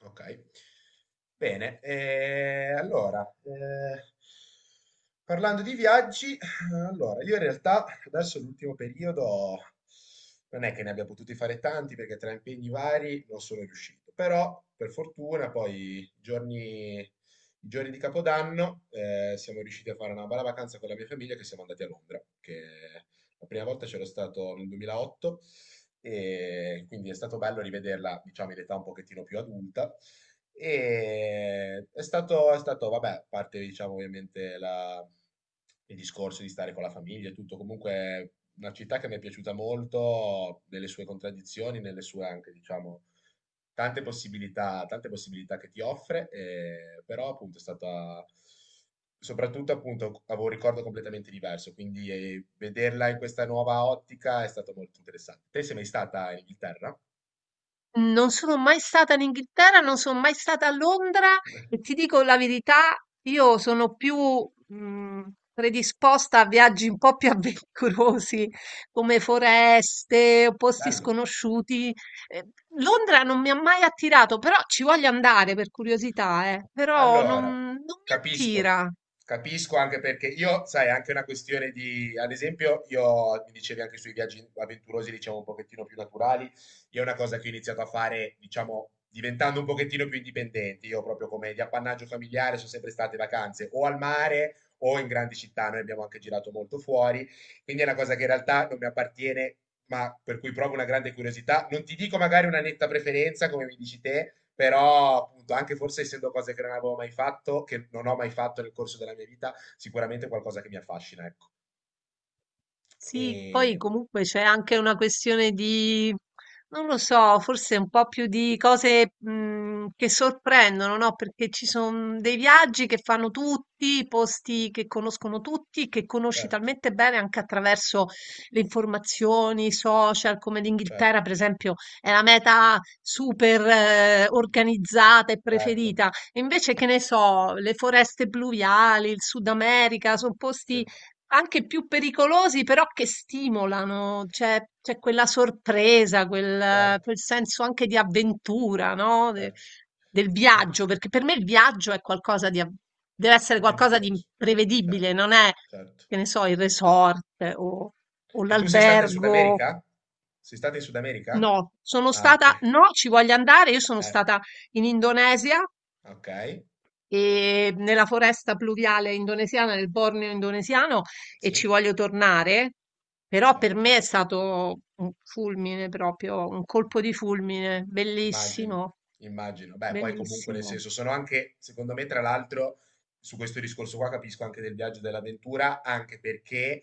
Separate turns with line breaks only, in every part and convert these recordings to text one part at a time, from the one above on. Ok, bene. Allora, parlando di viaggi, allora, io in realtà adesso l'ultimo periodo non è che ne abbia potuti fare tanti perché tra impegni vari non sono riuscito, però per fortuna poi i giorni di Capodanno siamo riusciti a fare una bella vacanza con la mia famiglia che siamo andati a Londra, che la prima volta c'ero stato nel 2008 e quindi è stato bello rivederla, diciamo, in età un pochettino più adulta. E è stato, vabbè, a parte, diciamo, ovviamente il discorso di stare con la famiglia e tutto, comunque una città che mi è piaciuta molto nelle sue contraddizioni, nelle sue anche, diciamo, tante possibilità che ti offre, però appunto è stata soprattutto appunto avevo un ricordo completamente diverso, quindi, vederla in questa nuova ottica è stato molto interessante. Te sei mai stata in Inghilterra?
Non sono mai stata in Inghilterra, non sono mai stata a Londra e ti dico la verità, io sono più mh, predisposta a viaggi un po' più avventurosi, come foreste o posti
Bello.
sconosciuti. Eh, Londra non mi ha mai attirato, però ci voglio andare per curiosità, però
Allora,
non mi
capisco,
attira.
capisco anche perché io, sai, è anche una questione di, ad esempio, io mi dicevi anche sui viaggi avventurosi, diciamo un pochettino più naturali, io è una cosa che ho iniziato a fare, diciamo, diventando un pochettino più indipendente, io proprio come di appannaggio familiare sono sempre state vacanze o al mare o in grandi città, noi abbiamo anche girato molto fuori, quindi è una cosa che in realtà non mi appartiene ma per cui provo una grande curiosità. Non ti dico magari una netta preferenza, come mi dici te, però appunto, anche forse essendo cose che non avevo mai fatto, che non ho mai fatto nel corso della mia vita, sicuramente è qualcosa che mi affascina, ecco.
Sì, poi
E
comunque c'è anche una questione di, non lo so, forse un po' più di cose che sorprendono, no? Perché ci sono dei viaggi che fanno tutti, posti che conoscono tutti, che conosci
certo,
talmente bene anche attraverso le informazioni, i social, come l'Inghilterra,
certo,
per esempio, è la meta super organizzata e
certo,
preferita. Invece, che ne so, le foreste pluviali, il Sud America, sono posti
sì,
anche più pericolosi, però che stimolano, c'è quella sorpresa, quel,
certo,
quel senso anche di avventura, no?
certo.
Del
E tu,
viaggio, perché per me il viaggio è qualcosa di, deve essere qualcosa di
avventuroso,
imprevedibile,
certo,
non è,
certo.
che ne so, il resort o, o
E tu sei stata in Sud
l'albergo.
America? Sei stata in Sud America?
No, sono
Ah,
stata,
ok.
no, ci voglio andare. Io sono
Eh,
stata in Indonesia
ok,
e nella foresta pluviale indonesiana, nel Borneo indonesiano, e ci
sì.
voglio tornare. Però per
Certo,
me è stato un fulmine proprio, un
mh,
colpo di fulmine,
immagino,
bellissimo,
immagino. Beh, poi comunque nel
bellissimo.
senso sono anche, secondo me, tra l'altro, su questo discorso qua capisco anche del viaggio e dell'avventura, anche perché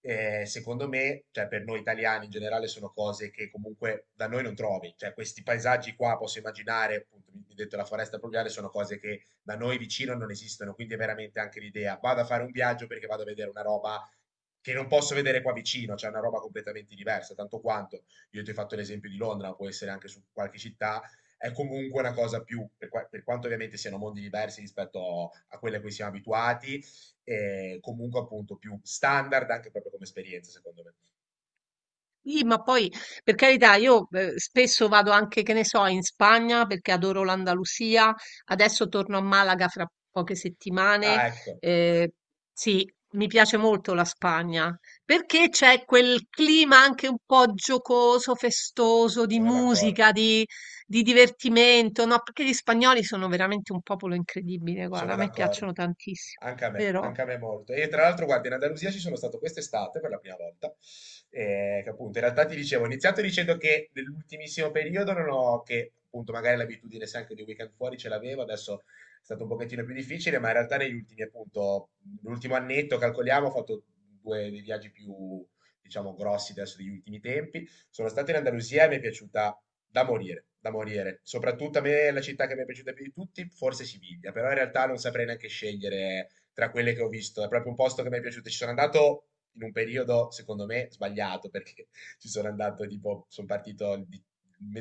secondo me, cioè per noi italiani in generale sono cose che comunque da noi non trovi, cioè questi paesaggi qua posso immaginare, appunto, mi hai detto la foresta pluviale, sono cose che da noi vicino non esistono, quindi è veramente anche l'idea, vado a fare un viaggio perché vado a vedere una roba che non posso vedere qua vicino, cioè una roba completamente diversa, tanto quanto. Io ti ho fatto l'esempio di Londra, ma può essere anche su qualche città, è comunque una cosa più, per quanto ovviamente siano mondi diversi rispetto a quelle a cui siamo abituati, comunque appunto più standard anche proprio come esperienza, secondo me.
Sì, ma poi per carità, io spesso vado anche, che ne so, in Spagna perché adoro l'Andalusia. Adesso torno a Malaga fra poche settimane.
Ah, ecco,
Eh, sì, mi piace molto la Spagna perché c'è quel clima anche un po' giocoso, festoso, di
sono d'accordo.
musica, di divertimento, no? Perché gli spagnoli sono veramente un popolo incredibile, guarda,
Sono
a me
d'accordo.
piacciono tantissimo, vero?
Anche a me molto. E tra l'altro, guarda, in Andalusia ci sono stato quest'estate per la prima volta. Che appunto, in realtà ti dicevo, ho iniziato dicendo che nell'ultimissimo periodo non ho, che appunto magari l'abitudine se anche di weekend fuori ce l'avevo, adesso è stato un pochettino più difficile, ma in realtà negli ultimi, appunto, l'ultimo annetto, calcoliamo, ho fatto due dei viaggi più, diciamo, grossi adesso degli ultimi tempi. Sono stato in Andalusia e mi è piaciuta da morire, da morire. Soprattutto a me la città che mi è piaciuta più di tutti, forse Siviglia, però in realtà non saprei neanche scegliere tra quelle che ho visto. È proprio un posto che mi è piaciuto. Ci sono andato in un periodo, secondo me, sbagliato, perché ci sono andato tipo, sono partito il di-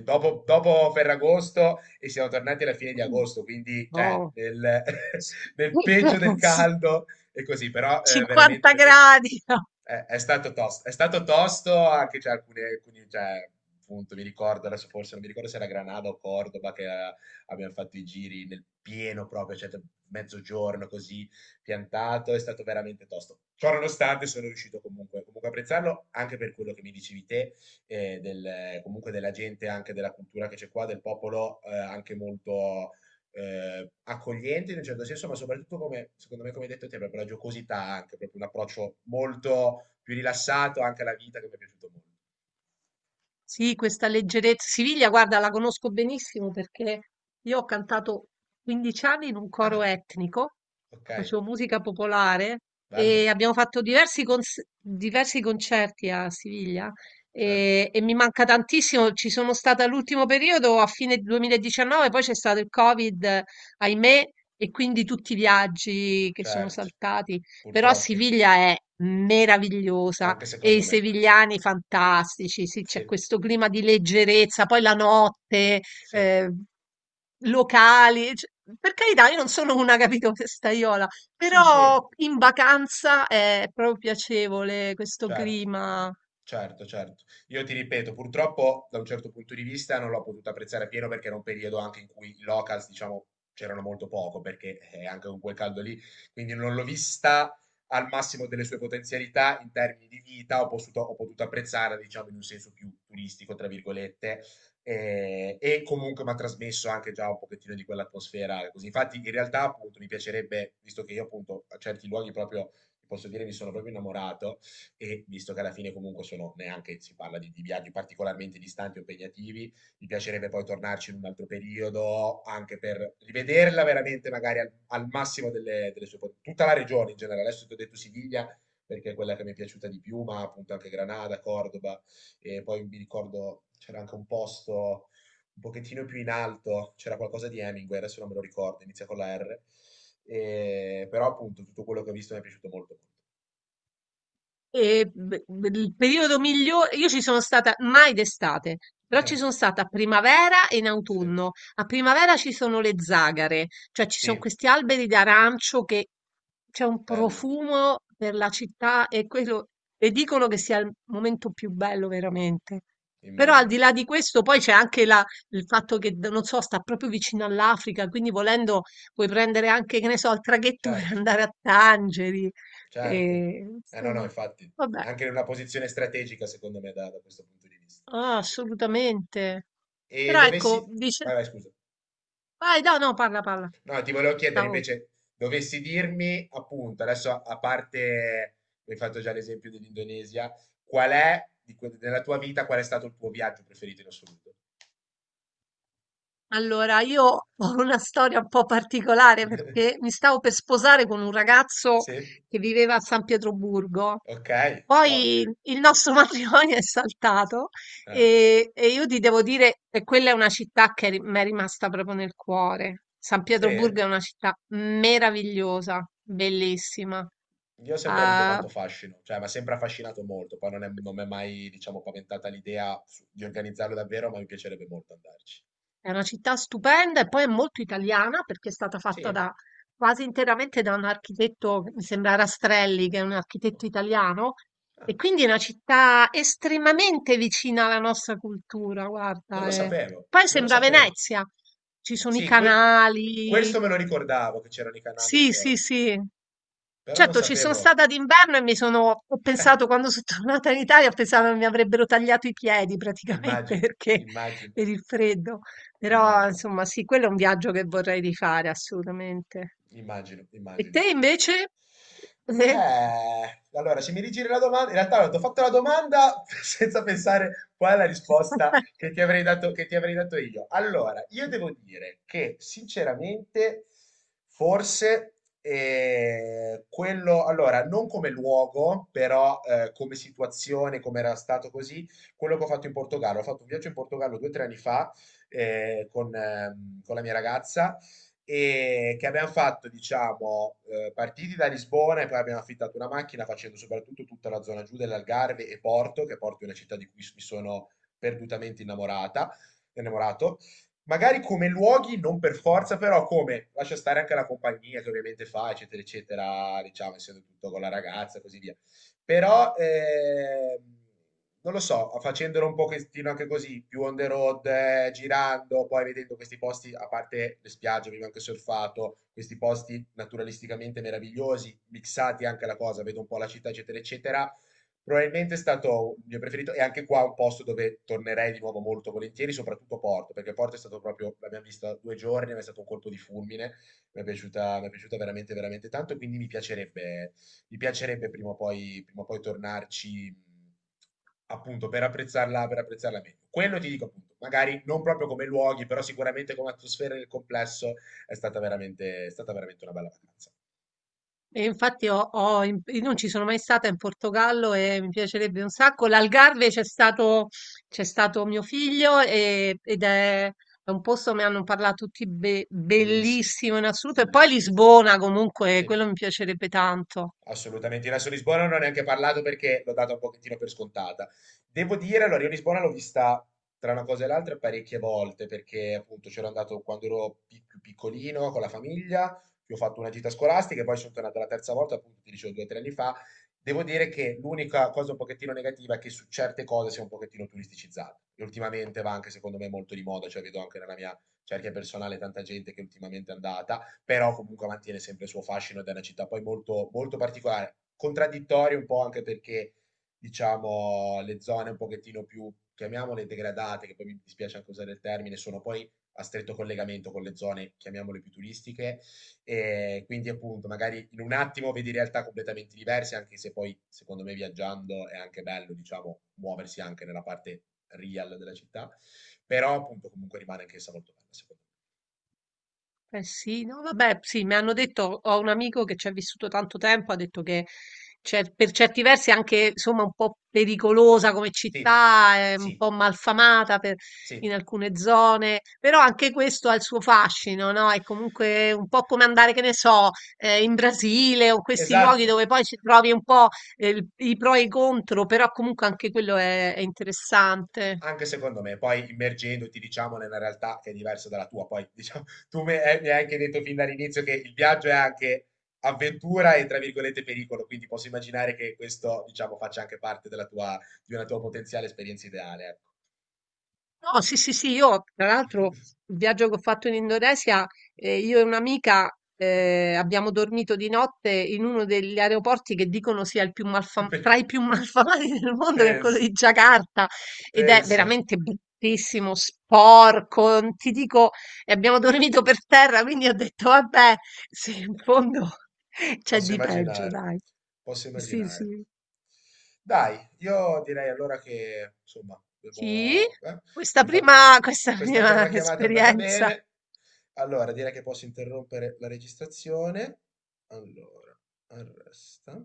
dopo, dopo Ferragosto e siamo tornati alla fine di
Mm.
agosto, quindi cioè,
Oh.
nel peggio del caldo e così, però
50
veramente mi è piaciuto.
gradi. No?
È stato tosto anche cioè, alcuni cioè, appunto, mi ricordo adesso forse, non mi ricordo se era Granada o Cordoba che abbiamo fatto i giri nel pieno proprio, cioè mezzogiorno così piantato, è stato veramente tosto. Ciò nonostante sono riuscito comunque a apprezzarlo anche per quello che mi dicevi te, comunque della gente, anche della cultura che c'è qua, del popolo anche molto accogliente in un certo senso, ma soprattutto come, secondo me, come hai detto te, proprio la giocosità, anche proprio un approccio molto più rilassato anche alla vita che mi è piaciuto molto.
Sì, questa leggerezza. Siviglia, guarda, la conosco benissimo perché io ho cantato 15 anni in un coro
Ah,
etnico,
ok,
facevo musica popolare
bello,
e abbiamo fatto diversi, diversi concerti a Siviglia
certo,
e mi manca tantissimo. Ci sono stata l'ultimo periodo a fine 2019, poi c'è stato il Covid, ahimè, e quindi tutti i viaggi che sono
certo,
saltati. Però
purtroppo,
Siviglia è meravigliosa,
anche
e i
secondo me.
sevigliani fantastici, sì, c'è
Sì,
questo clima di leggerezza, poi la notte,
sì,
eh, locali, cioè, per carità, io non sono una, capito, festaiola,
sì, sì,
però in vacanza è proprio piacevole questo
certo.
clima.
Certo, certo. Io ti ripeto, purtroppo da un certo punto di vista non l'ho potuto apprezzare pieno perché era un periodo anche in cui i locals, diciamo, c'erano molto poco perché anche con quel caldo lì, quindi non l'ho vista al massimo delle sue potenzialità in termini di vita, ho potuto apprezzare, diciamo, in un senso più turistico, tra virgolette, e comunque mi ha trasmesso anche già un pochettino di quell'atmosfera così. Infatti, in realtà, appunto, mi piacerebbe, visto che io appunto a certi luoghi proprio, ti posso dire, mi sono proprio innamorato e visto che alla fine comunque sono neanche si parla di viaggi particolarmente distanti o impegnativi, mi piacerebbe poi tornarci in un altro periodo anche per rivederla veramente magari al massimo delle sue potenze. Tutta la regione in generale, adesso ti ho detto Siviglia perché è quella che mi è piaciuta di più, ma appunto anche Granada, Cordoba e poi mi ricordo c'era anche un posto un pochettino più in alto, c'era qualcosa di Hemingway, adesso non me lo ricordo, inizia con la R, però appunto tutto quello che ho visto mi è piaciuto molto.
E il periodo migliore, io ci sono stata mai d'estate, però ci
molto.
sono stata a primavera e in
Sì.
autunno. A primavera ci sono le zagare, cioè ci sono
Sì,
questi alberi d'arancio che c'è un
belli,
profumo per la città e quello, e dicono che sia il momento più bello veramente. Però al
immagino.
di là di questo, poi c'è anche il fatto che, non so, sta proprio vicino all'Africa, quindi volendo puoi prendere anche, che ne so, il traghetto per
Certo,
andare a Tangeri.
certo.
E,
Eh no, no,
insomma.
infatti,
Vabbè,
è anche in una posizione strategica, secondo me, da questo punto di vista.
ah, assolutamente.
E
Però
dovessi...
ecco,
Vai,
dice...
vai, scusa.
Vai, no, no, parla, parla.
No, ti volevo chiedere
Stavo...
invece, dovessi dirmi, appunto, adesso a parte, mi hai fatto già l'esempio dell'Indonesia, qual è, nella tua vita, qual è stato il tuo viaggio preferito in assoluto?
Allora, io ho una storia un po' particolare perché mi stavo per sposare con un ragazzo
Sì?
che viveva a San Pietroburgo.
Ok, wow.
Poi il nostro matrimonio è saltato
Ah,
e io ti devo dire che quella è una città che mi è rimasta proprio nel cuore. San
sì?
Pietroburgo è una città meravigliosa, bellissima.
Io ho sempre avuto
Ah,
tanto fascino, cioè mi ha sempre affascinato molto, poi non mi è mai, diciamo, paventata l'idea di organizzarlo davvero, ma mi piacerebbe molto andarci.
è una città stupenda e poi è molto italiana perché è stata fatta
Sì?
da, quasi interamente da un architetto, mi sembra Rastrelli, che è un
Oh.
architetto italiano,
Ah,
e quindi è una città estremamente vicina alla nostra cultura,
non
guarda.
lo
Eh.
sapevo,
Poi
non lo
sembra
sapevo.
Venezia, ci sono i
Sì,
canali,
questo me lo ricordavo, che c'erano i canali e le
sì, sì,
cose,
sì.
però non
Certo, ci sono
sapevo.
stata d'inverno e mi sono ho pensato quando so' tornata in Italia, ho pensato che mi avrebbero tagliato i piedi praticamente
Immagino,
perché
immagino,
per il freddo. Però
immagino,
insomma sì, quello è un viaggio che vorrei rifare assolutamente.
immagino,
E
immagino.
te invece? Eh?
Allora, se mi rigiri la domanda, in realtà ti ho fatto la domanda senza pensare qual è la risposta che ti avrei dato, io. Allora, io devo dire che sinceramente, forse quello, allora, non come luogo, però come situazione, come era stato così, quello che ho fatto in Portogallo. Ho fatto un viaggio in Portogallo 2 o 3 anni fa con la mia ragazza e che abbiamo fatto, diciamo, partiti da Lisbona e poi abbiamo affittato una macchina facendo soprattutto tutta la zona giù dell'Algarve e Porto, che Porto è una città di cui mi sono perdutamente innamorato. Magari come luoghi, non per forza, però come lascia stare anche la compagnia che ovviamente fa, eccetera, eccetera, diciamo, essendo tutto con la ragazza e così via. Però non lo so, facendolo un pochettino anche così, più on the road, girando, poi vedendo questi posti, a parte le spiagge, abbiamo anche surfato, questi posti naturalisticamente meravigliosi, mixati anche alla cosa, vedo un po' la città, eccetera, eccetera. Probabilmente è stato il mio preferito e anche qua un posto dove tornerei di nuovo molto volentieri, soprattutto Porto, perché Porto è stato proprio, l'abbiamo vista 2 giorni, ma è stato un colpo di fulmine, mi è piaciuta veramente, veramente tanto, quindi mi piacerebbe prima o poi tornarci appunto per apprezzarla meglio. Quello ti dico appunto, magari non proprio come luoghi, però sicuramente come atmosfera nel complesso è stata veramente una bella vacanza.
E infatti io non ci sono mai stata in Portogallo e mi piacerebbe un sacco. L'Algarve c'è stato mio figlio ed è un posto, mi hanno parlato tutti
Bellissimo,
bellissimo in assoluto. E poi
bellissimo.
Lisbona comunque,
Sì.
quello mi piacerebbe tanto.
Assolutamente, in Lazio Lisbona non ho neanche parlato perché l'ho data un pochettino per scontata. Devo dire, allora, io Lisbona l'ho vista tra una cosa e l'altra parecchie volte perché appunto c'ero andato quando ero più piccolino con la famiglia, che ho fatto una gita scolastica e poi sono tornato la terza volta, appunto ti dicevo 2 o 3 anni fa. Devo dire che l'unica cosa un pochettino negativa è che su certe cose si è un pochettino turisticizzata e ultimamente va anche secondo me molto di moda, cioè vedo anche nella mia cerchia personale tanta gente che ultimamente è andata però comunque mantiene sempre il suo fascino ed è una città poi molto, molto particolare, contraddittoria un po' anche perché diciamo le zone un pochettino più, chiamiamole degradate, che poi mi dispiace anche usare il termine, sono poi a stretto collegamento con le zone, chiamiamole più turistiche, e quindi appunto magari in un attimo vedi realtà completamente diverse, anche se poi secondo me viaggiando è anche bello, diciamo, muoversi anche nella parte real della città, però appunto comunque rimane anchessa molto bella secondo me.
Eh sì, no, vabbè, sì, mi hanno detto, ho un amico che ci ha vissuto tanto tempo, ha detto che per certi versi è anche, insomma, un po' pericolosa come
Sì,
città, è un
sì,
po' malfamata in
sì.
alcune zone, però anche questo ha il suo fascino, no? È comunque un po' come andare, che ne so, in Brasile o questi luoghi
Esatto,
dove poi ci trovi un po' i pro e i contro, però comunque anche quello è interessante.
anche secondo me, poi immergendoti, diciamo, nella realtà che è diversa dalla tua, poi diciamo, mi hai anche detto fin dall'inizio che il viaggio è anche avventura e, tra virgolette, pericolo, quindi posso immaginare che questo, diciamo, faccia anche parte della tua, di una tua potenziale esperienza ideale, ecco.
No, sì, sì, sì, io tra l'altro il viaggio che ho fatto in Indonesia, io e un'amica abbiamo dormito di notte in uno degli aeroporti che dicono sia il più
Più pe-
tra i più malfamati del mondo, che è quello
Pensa,
di Giacarta, ed è
pensa,
veramente bruttissimo, sporco, non ti dico, e abbiamo dormito per terra, quindi ho detto, vabbè, se in fondo c'è
posso
di peggio,
immaginare,
dai.
posso
Sì,
immaginare.
sì.
Dai, io direi allora che, insomma,
Sì,
abbiamo fatto
questa
questa prima
prima
chiamata è andata
esperienza.
bene. Allora, direi che posso interrompere la registrazione. Allora, arresta.